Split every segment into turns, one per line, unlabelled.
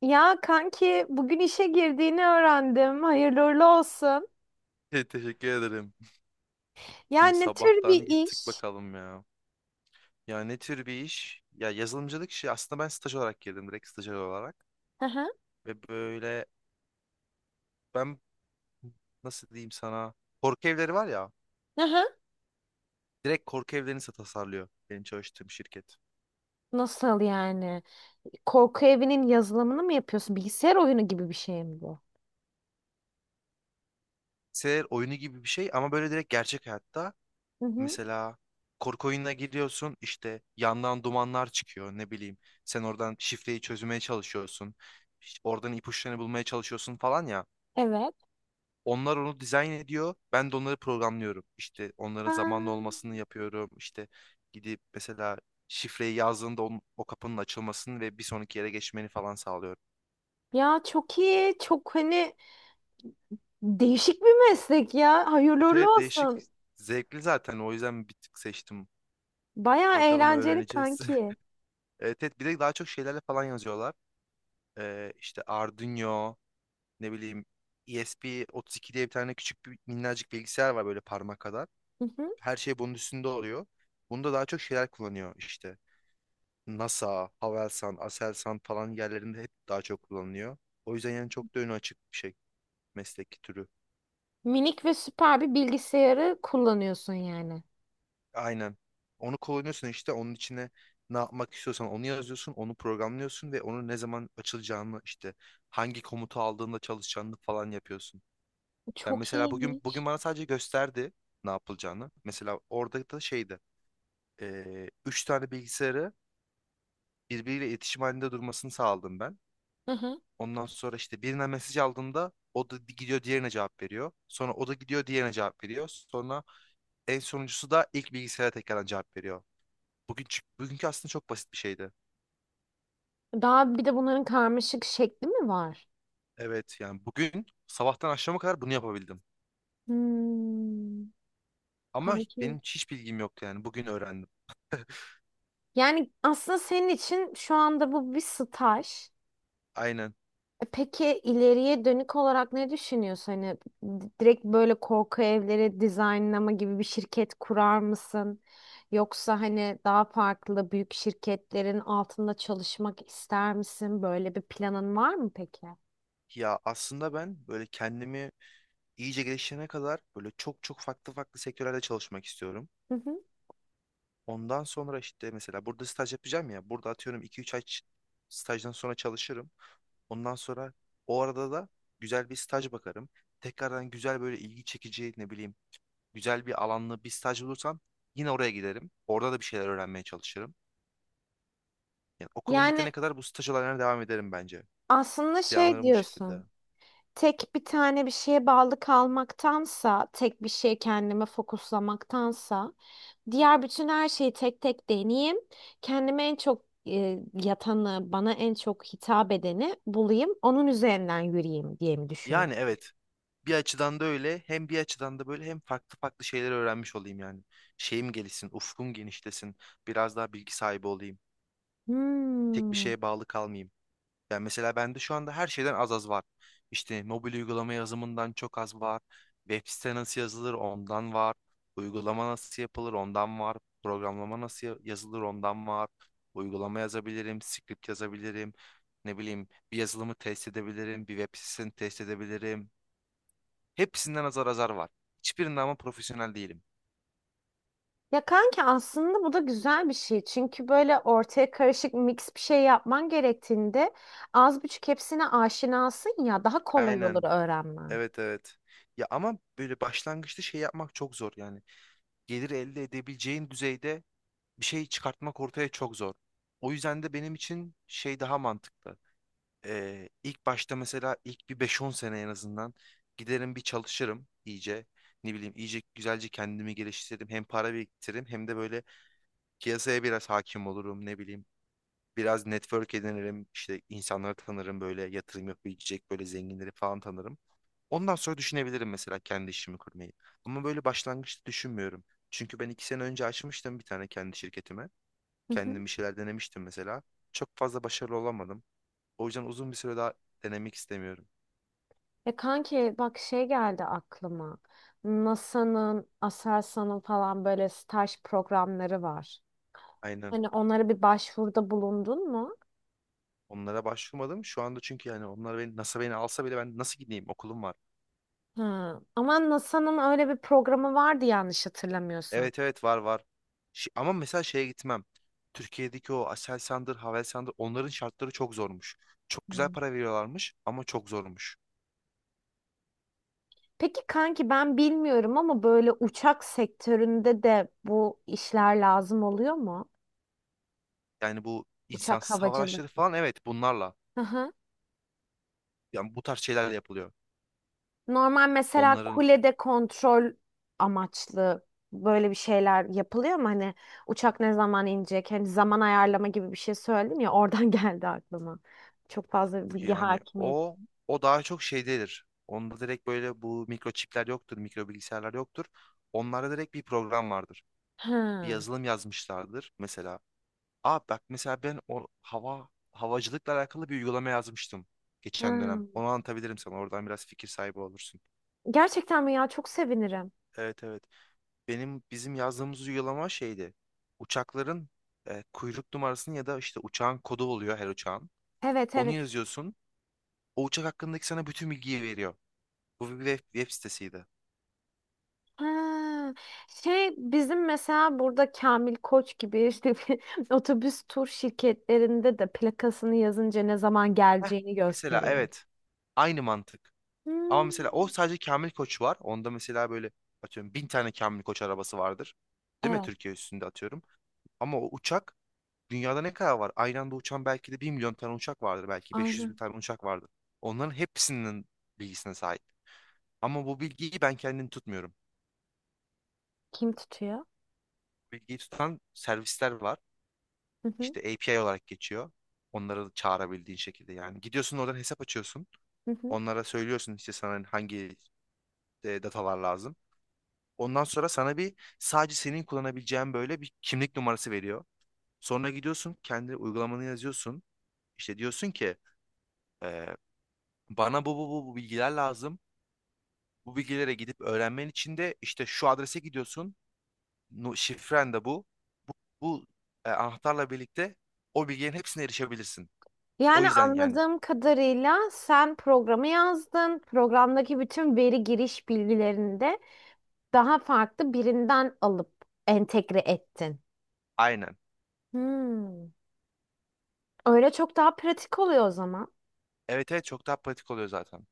Ya kanki bugün işe girdiğini öğrendim. Hayırlı uğurlu olsun.
Teşekkür ederim. Gün
Yani ne tür
sabahtan
bir
gittik
iş?
bakalım ya. Ya ne tür bir iş? Ya yazılımcılık işi aslında ben staj olarak girdim direkt stajyer olarak.
Hı hı.
Ve böyle ben nasıl diyeyim sana korku evleri var ya
Hı hı.
direkt korku evlerini tasarlıyor benim çalıştığım şirket.
Nasıl yani? Korku evinin yazılımını mı yapıyorsun? Bilgisayar oyunu gibi bir şey mi bu?
Bilgisayar oyunu gibi bir şey ama böyle direkt gerçek hayatta
Hı hı.
mesela korku oyununa giriyorsun işte yandan dumanlar çıkıyor ne bileyim sen oradan şifreyi çözmeye çalışıyorsun. İşte oradan ipuçlarını bulmaya çalışıyorsun falan ya.
Evet.
Onlar onu dizayn ediyor. Ben de onları programlıyorum. İşte onların zamanlı
Ha.
olmasını yapıyorum. İşte gidip mesela şifreyi yazdığında o kapının açılmasını ve bir sonraki yere geçmeni falan sağlıyorum.
Ya çok iyi. Çok hani değişik bir meslek ya. Hayırlı
Evet,
uğurlu
evet değişik.
olsun.
Zevkli zaten. O yüzden bir tık seçtim.
Baya
Bakalım
eğlenceli
öğreneceğiz.
kanki.
Evet, evet bir de daha çok şeylerle falan yazıyorlar. İşte Arduino, ne bileyim ESP32 diye bir tane küçük bir minnacık bilgisayar var böyle parmak kadar.
Hı hı.
Her şey bunun üstünde oluyor. Bunda daha çok şeyler kullanıyor işte. NASA, Havelsan, Aselsan falan yerlerinde hep daha çok kullanılıyor. O yüzden yani çok da önü açık bir şey meslek türü.
Minik ve süper bir bilgisayarı kullanıyorsun yani.
Aynen. Onu kullanıyorsun işte onun içine ne yapmak istiyorsan onu yazıyorsun, onu programlıyorsun ve onun ne zaman açılacağını işte hangi komutu aldığında çalışacağını falan yapıyorsun. Yani
Çok
mesela bugün
iyiymiş.
bana sadece gösterdi ne yapılacağını. Mesela orada da şeydi. 3 tane bilgisayarı birbiriyle iletişim halinde durmasını sağladım ben. Ondan sonra işte birine mesaj aldığında o da gidiyor diğerine cevap veriyor. Sonra o da gidiyor diğerine cevap veriyor. Sonra en sonuncusu da ilk bilgisayara tekrardan cevap veriyor. Bugünkü aslında çok basit bir şeydi.
Daha bir de bunların karmaşık şekli mi var?
Evet yani bugün sabahtan akşama kadar bunu yapabildim.
Hmm,
Ama
kanki.
benim hiç bilgim yoktu yani bugün öğrendim.
Yani aslında senin için şu anda bu bir staj.
Aynen.
E peki ileriye dönük olarak ne düşünüyorsun? Hani direkt böyle korku evleri dizaynlama gibi bir şirket kurar mısın? Yoksa hani daha farklı büyük şirketlerin altında çalışmak ister misin? Böyle bir planın var mı peki?
Ya aslında ben böyle kendimi iyice geliştirene kadar böyle çok çok farklı farklı sektörlerde çalışmak istiyorum.
Hı hı.
Ondan sonra işte mesela burada staj yapacağım ya. Burada atıyorum 2-3 ay stajdan sonra çalışırım. Ondan sonra o arada da güzel bir staj bakarım. Tekrardan güzel böyle ilgi çekici ne bileyim güzel bir alanlı bir staj bulursam yine oraya giderim. Orada da bir şeyler öğrenmeye çalışırım. Yani okulum bitene
Yani
kadar bu staj olaylarına devam ederim bence.
aslında şey
Planlarım bu şekilde.
diyorsun. Tek bir tane bir şeye bağlı kalmaktansa, tek bir şeye kendime fokuslamaktansa, diğer bütün her şeyi tek tek deneyeyim. Kendime en çok yatanı, bana en çok hitap edeni bulayım. Onun üzerinden yürüyeyim diye mi düşünüyorum?
Yani evet bir açıdan da öyle hem bir açıdan da böyle hem farklı farklı şeyler öğrenmiş olayım yani. Şeyim gelişsin, ufkum genişlesin, biraz daha bilgi sahibi olayım. Tek bir
Hmm.
şeye bağlı kalmayayım. Yani mesela bende şu anda her şeyden az az var. İşte mobil uygulama yazımından çok az var. Web site nasıl yazılır ondan var. Uygulama nasıl yapılır ondan var. Programlama nasıl yazılır ondan var. Uygulama yazabilirim, script yazabilirim. Ne bileyim bir yazılımı test edebilirim, bir web sitesini test edebilirim. Hepsinden azar azar var. Hiçbirinde ama profesyonel değilim.
Ya kanki aslında bu da güzel bir şey. Çünkü böyle ortaya karışık mix bir şey yapman gerektiğinde az buçuk hepsine aşinasın ya daha kolay olur
Aynen.
öğrenmen.
Evet, evet. Ya ama böyle başlangıçta şey yapmak çok zor yani. Gelir elde edebileceğin düzeyde bir şey çıkartmak ortaya çok zor. O yüzden de benim için şey daha mantıklı. İlk başta mesela ilk bir 5-10 sene en azından giderim bir çalışırım iyice. Ne bileyim iyice güzelce kendimi geliştiririm. Hem para biriktiririm hem de böyle piyasaya biraz hakim olurum ne bileyim. Biraz network edinirim işte insanları tanırım böyle yatırım yapabilecek böyle zenginleri falan tanırım. Ondan sonra düşünebilirim mesela kendi işimi kurmayı. Ama böyle başlangıçta düşünmüyorum. Çünkü ben 2 sene önce açmıştım bir tane kendi şirketimi. Kendim bir şeyler denemiştim mesela. Çok fazla başarılı olamadım. O yüzden uzun bir süre daha denemek istemiyorum.
E kanki bak şey geldi aklıma. NASA'nın, Aselsan'ın falan böyle staj programları var.
Aynen.
Hani onlara bir başvuruda bulundun mu?
Onlara başvurmadım. Şu anda çünkü yani onlar beni, NASA beni alsa bile ben nasıl gideyim? Okulum var.
Ha. Ama NASA'nın öyle bir programı vardı yanlış hatırlamıyorsam.
Evet evet var var. Ama mesela şeye gitmem. Türkiye'deki o Aselsan'dır, Havelsan'dır onların şartları çok zormuş. Çok güzel
Hı.
para veriyorlarmış ama çok zormuş.
Peki kanki ben bilmiyorum ama böyle uçak sektöründe de bu işler lazım oluyor mu?
Yani bu
Uçak
insansız hava
havacılık.
araçları falan evet bunlarla. Yani bu tarz şeylerle yapılıyor.
Normal mesela
Onların
kulede kontrol amaçlı böyle bir şeyler yapılıyor mu? Hani uçak ne zaman inecek? Hani zaman ayarlama gibi bir şey söyledim ya oradan geldi aklıma. Çok fazla bilgi
Yani
hakimiyet.
o daha çok şeydedir. Onda direkt böyle bu mikroçipler yoktur, mikro bilgisayarlar yoktur. Onlarda direkt bir program vardır. Bir
Ha,
yazılım yazmışlardır mesela. Aa bak mesela ben o havacılıkla alakalı bir uygulama yazmıştım geçen dönem.
ha.
Onu anlatabilirim sana. Oradan biraz fikir sahibi olursun.
Gerçekten mi ya? Çok sevinirim.
Evet, evet. Bizim yazdığımız uygulama şeydi. Uçakların kuyruk numarasını ya da işte uçağın kodu oluyor her uçağın.
Evet
Onu
evet.
yazıyorsun. O uçak hakkındaki sana bütün bilgiyi veriyor. Bu bir web sitesiydi.
Ha. Şey bizim mesela burada Kamil Koç gibi işte bir otobüs tur şirketlerinde de plakasını yazınca ne zaman
Heh,
geleceğini
mesela
gösteriyor.
evet. Aynı mantık. Ama mesela o
Hmm.
sadece Kamil Koç var. Onda mesela böyle atıyorum 1.000 tane Kamil Koç arabası vardır. Değil mi?
Evet,
Türkiye üstünde atıyorum. Ama o uçak dünyada ne kadar var? Aynı anda uçan belki de 1 milyon tane uçak vardır. Belki beş yüz bin
aynen.
tane uçak vardır. Onların hepsinin bilgisine sahip. Ama bu bilgiyi ben kendim tutmuyorum.
Kim tutuyor?
Bilgiyi tutan servisler var.
Hı hı,
İşte API olarak geçiyor. Onları çağırabildiğin şekilde yani. Gidiyorsun oradan hesap açıyorsun.
hı hı.
Onlara söylüyorsun işte sana hangi datalar lazım. Ondan sonra sana bir sadece senin kullanabileceğin böyle bir kimlik numarası veriyor. Sonra gidiyorsun kendi uygulamanı yazıyorsun. İşte diyorsun ki e, bana bu bilgiler lazım. Bu bilgilere gidip öğrenmen için de işte şu adrese gidiyorsun. Şifren de bu. Bu anahtarla birlikte o bilgilerin hepsine erişebilirsin. O
Yani
yüzden yani
anladığım kadarıyla sen programı yazdın. Programdaki bütün veri giriş bilgilerini de daha farklı birinden alıp entegre ettin.
aynen.
Hmm. Öyle çok daha pratik oluyor o zaman.
Evet evet çok daha pratik oluyor zaten.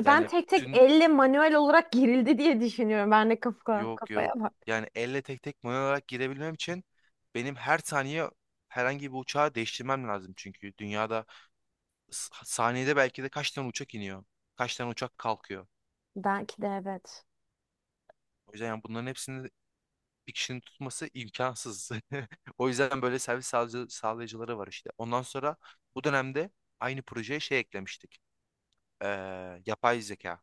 Ben
Yani
tek tek
tüm
elle manuel olarak girildi diye düşünüyorum. Ben de
Yok,
kafaya
yok.
bak.
Yani elle tek tek manuel olarak girebilmem için benim her saniye herhangi bir uçağı değiştirmem lazım çünkü dünyada saniyede belki de kaç tane uçak iniyor, kaç tane uçak kalkıyor.
Belki de evet.
O yüzden yani bunların hepsini bir kişinin tutması imkansız. O yüzden böyle servis sağlayıcıları var işte. Ondan sonra bu dönemde aynı projeye şey eklemiştik. Ee, Yapay zeka.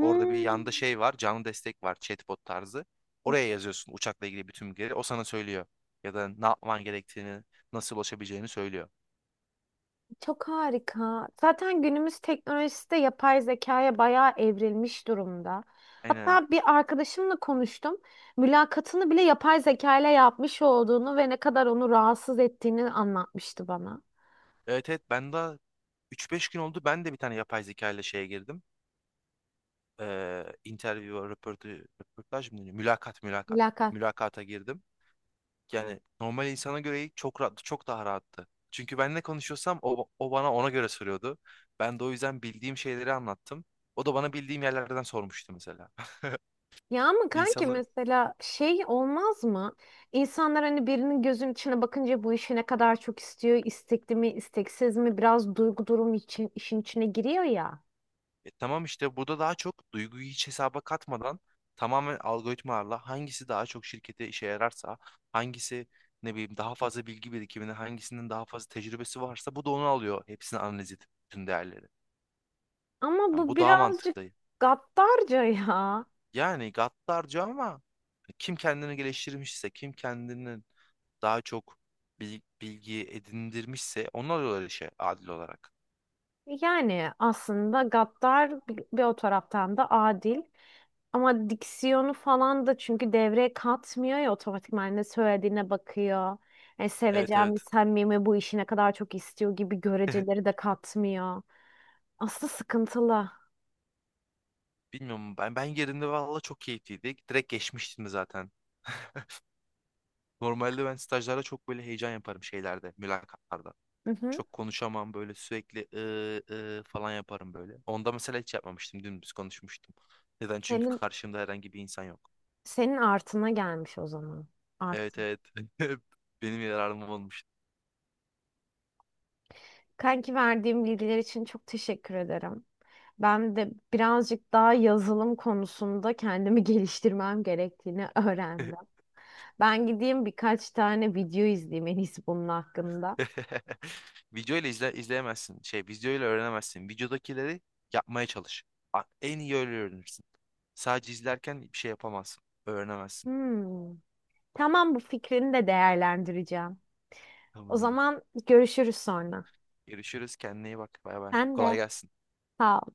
Orada bir yanda şey var, canlı destek var, chatbot tarzı. Oraya yazıyorsun uçakla ilgili bütün bilgileri. O sana söylüyor. Ya da ne yapman gerektiğini, nasıl ulaşabileceğini söylüyor.
Çok harika. Zaten günümüz teknolojisi de yapay zekaya bayağı evrilmiş durumda.
Aynen.
Hatta bir arkadaşımla konuştum. Mülakatını bile yapay zeka ile yapmış olduğunu ve ne kadar onu rahatsız ettiğini anlatmıştı bana.
Evet evet ben daha 3-5 gün oldu. Ben de bir tane yapay zeka ile şeye girdim. Interview, röportaj mı deniyor? Mülakat, mülakat.
Mülakat.
Mülakata girdim. Yani normal insana göre çok rahat, çok daha rahattı. Çünkü ben ne konuşuyorsam o bana ona göre soruyordu. Ben de o yüzden bildiğim şeyleri anlattım. O da bana bildiğim yerlerden sormuştu mesela.
Ya ama kanki
İnsanı
mesela şey olmaz mı? İnsanlar hani birinin gözünün içine bakınca bu işi ne kadar çok istiyor, istekli mi, isteksiz mi biraz duygu durum için işin içine giriyor ya.
E, tamam işte burada daha çok duyguyu hiç hesaba katmadan tamamen algoritmalarla hangisi daha çok şirkete işe yararsa, hangisi ne bileyim daha fazla bilgi birikimini, hangisinin daha fazla tecrübesi varsa bu da onu alıyor. Hepsini analiz edip bütün değerleri.
Ama
Yani
bu
bu daha
birazcık
mantıklı.
gaddarca ya.
Yani gaddarca ama kim kendini geliştirmişse, kim kendini daha çok bilgi edindirmişse onu alıyorlar işe adil olarak.
Yani aslında gaddar bir o taraftan da adil ama diksiyonu falan da çünkü devreye katmıyor ya otomatikman ne söylediğine bakıyor. Yani
Evet,
seveceğim mi
evet.
samimi bu işi ne kadar çok istiyor gibi göreceleri de katmıyor. Aslında sıkıntılı.
Bilmiyorum ben yerinde valla çok keyifliydi. Direkt geçmiştim de zaten. Normalde ben stajlarda çok böyle heyecan yaparım şeylerde, mülakatlarda.
Hı hı.
Çok konuşamam böyle sürekli falan yaparım böyle. Onda mesela hiç yapmamıştım. Dümdüz konuşmuştum. Neden? Çünkü
Senin,
karşımda herhangi bir insan yok.
senin artına gelmiş o zaman. Artı.
Evet, evet. Benim yararım olmuş.
Kanki verdiğim bilgiler için çok teşekkür ederim. Ben de birazcık daha yazılım konusunda kendimi geliştirmem gerektiğini öğrendim. Ben gideyim birkaç tane video izleyeyim en iyisi bunun hakkında.
Video ile izleyemezsin. Şey video ile öğrenemezsin. Videodakileri yapmaya çalış. En iyi öyle öğrenirsin. Sadece izlerken bir şey yapamazsın. Öğrenemezsin.
Hmm. Tamam bu fikrini de değerlendireceğim. O
Tamamdır.
zaman görüşürüz sonra.
Görüşürüz. Kendine iyi bak. Bay bay.
Sen
Kolay
de
gelsin.
sağ ol.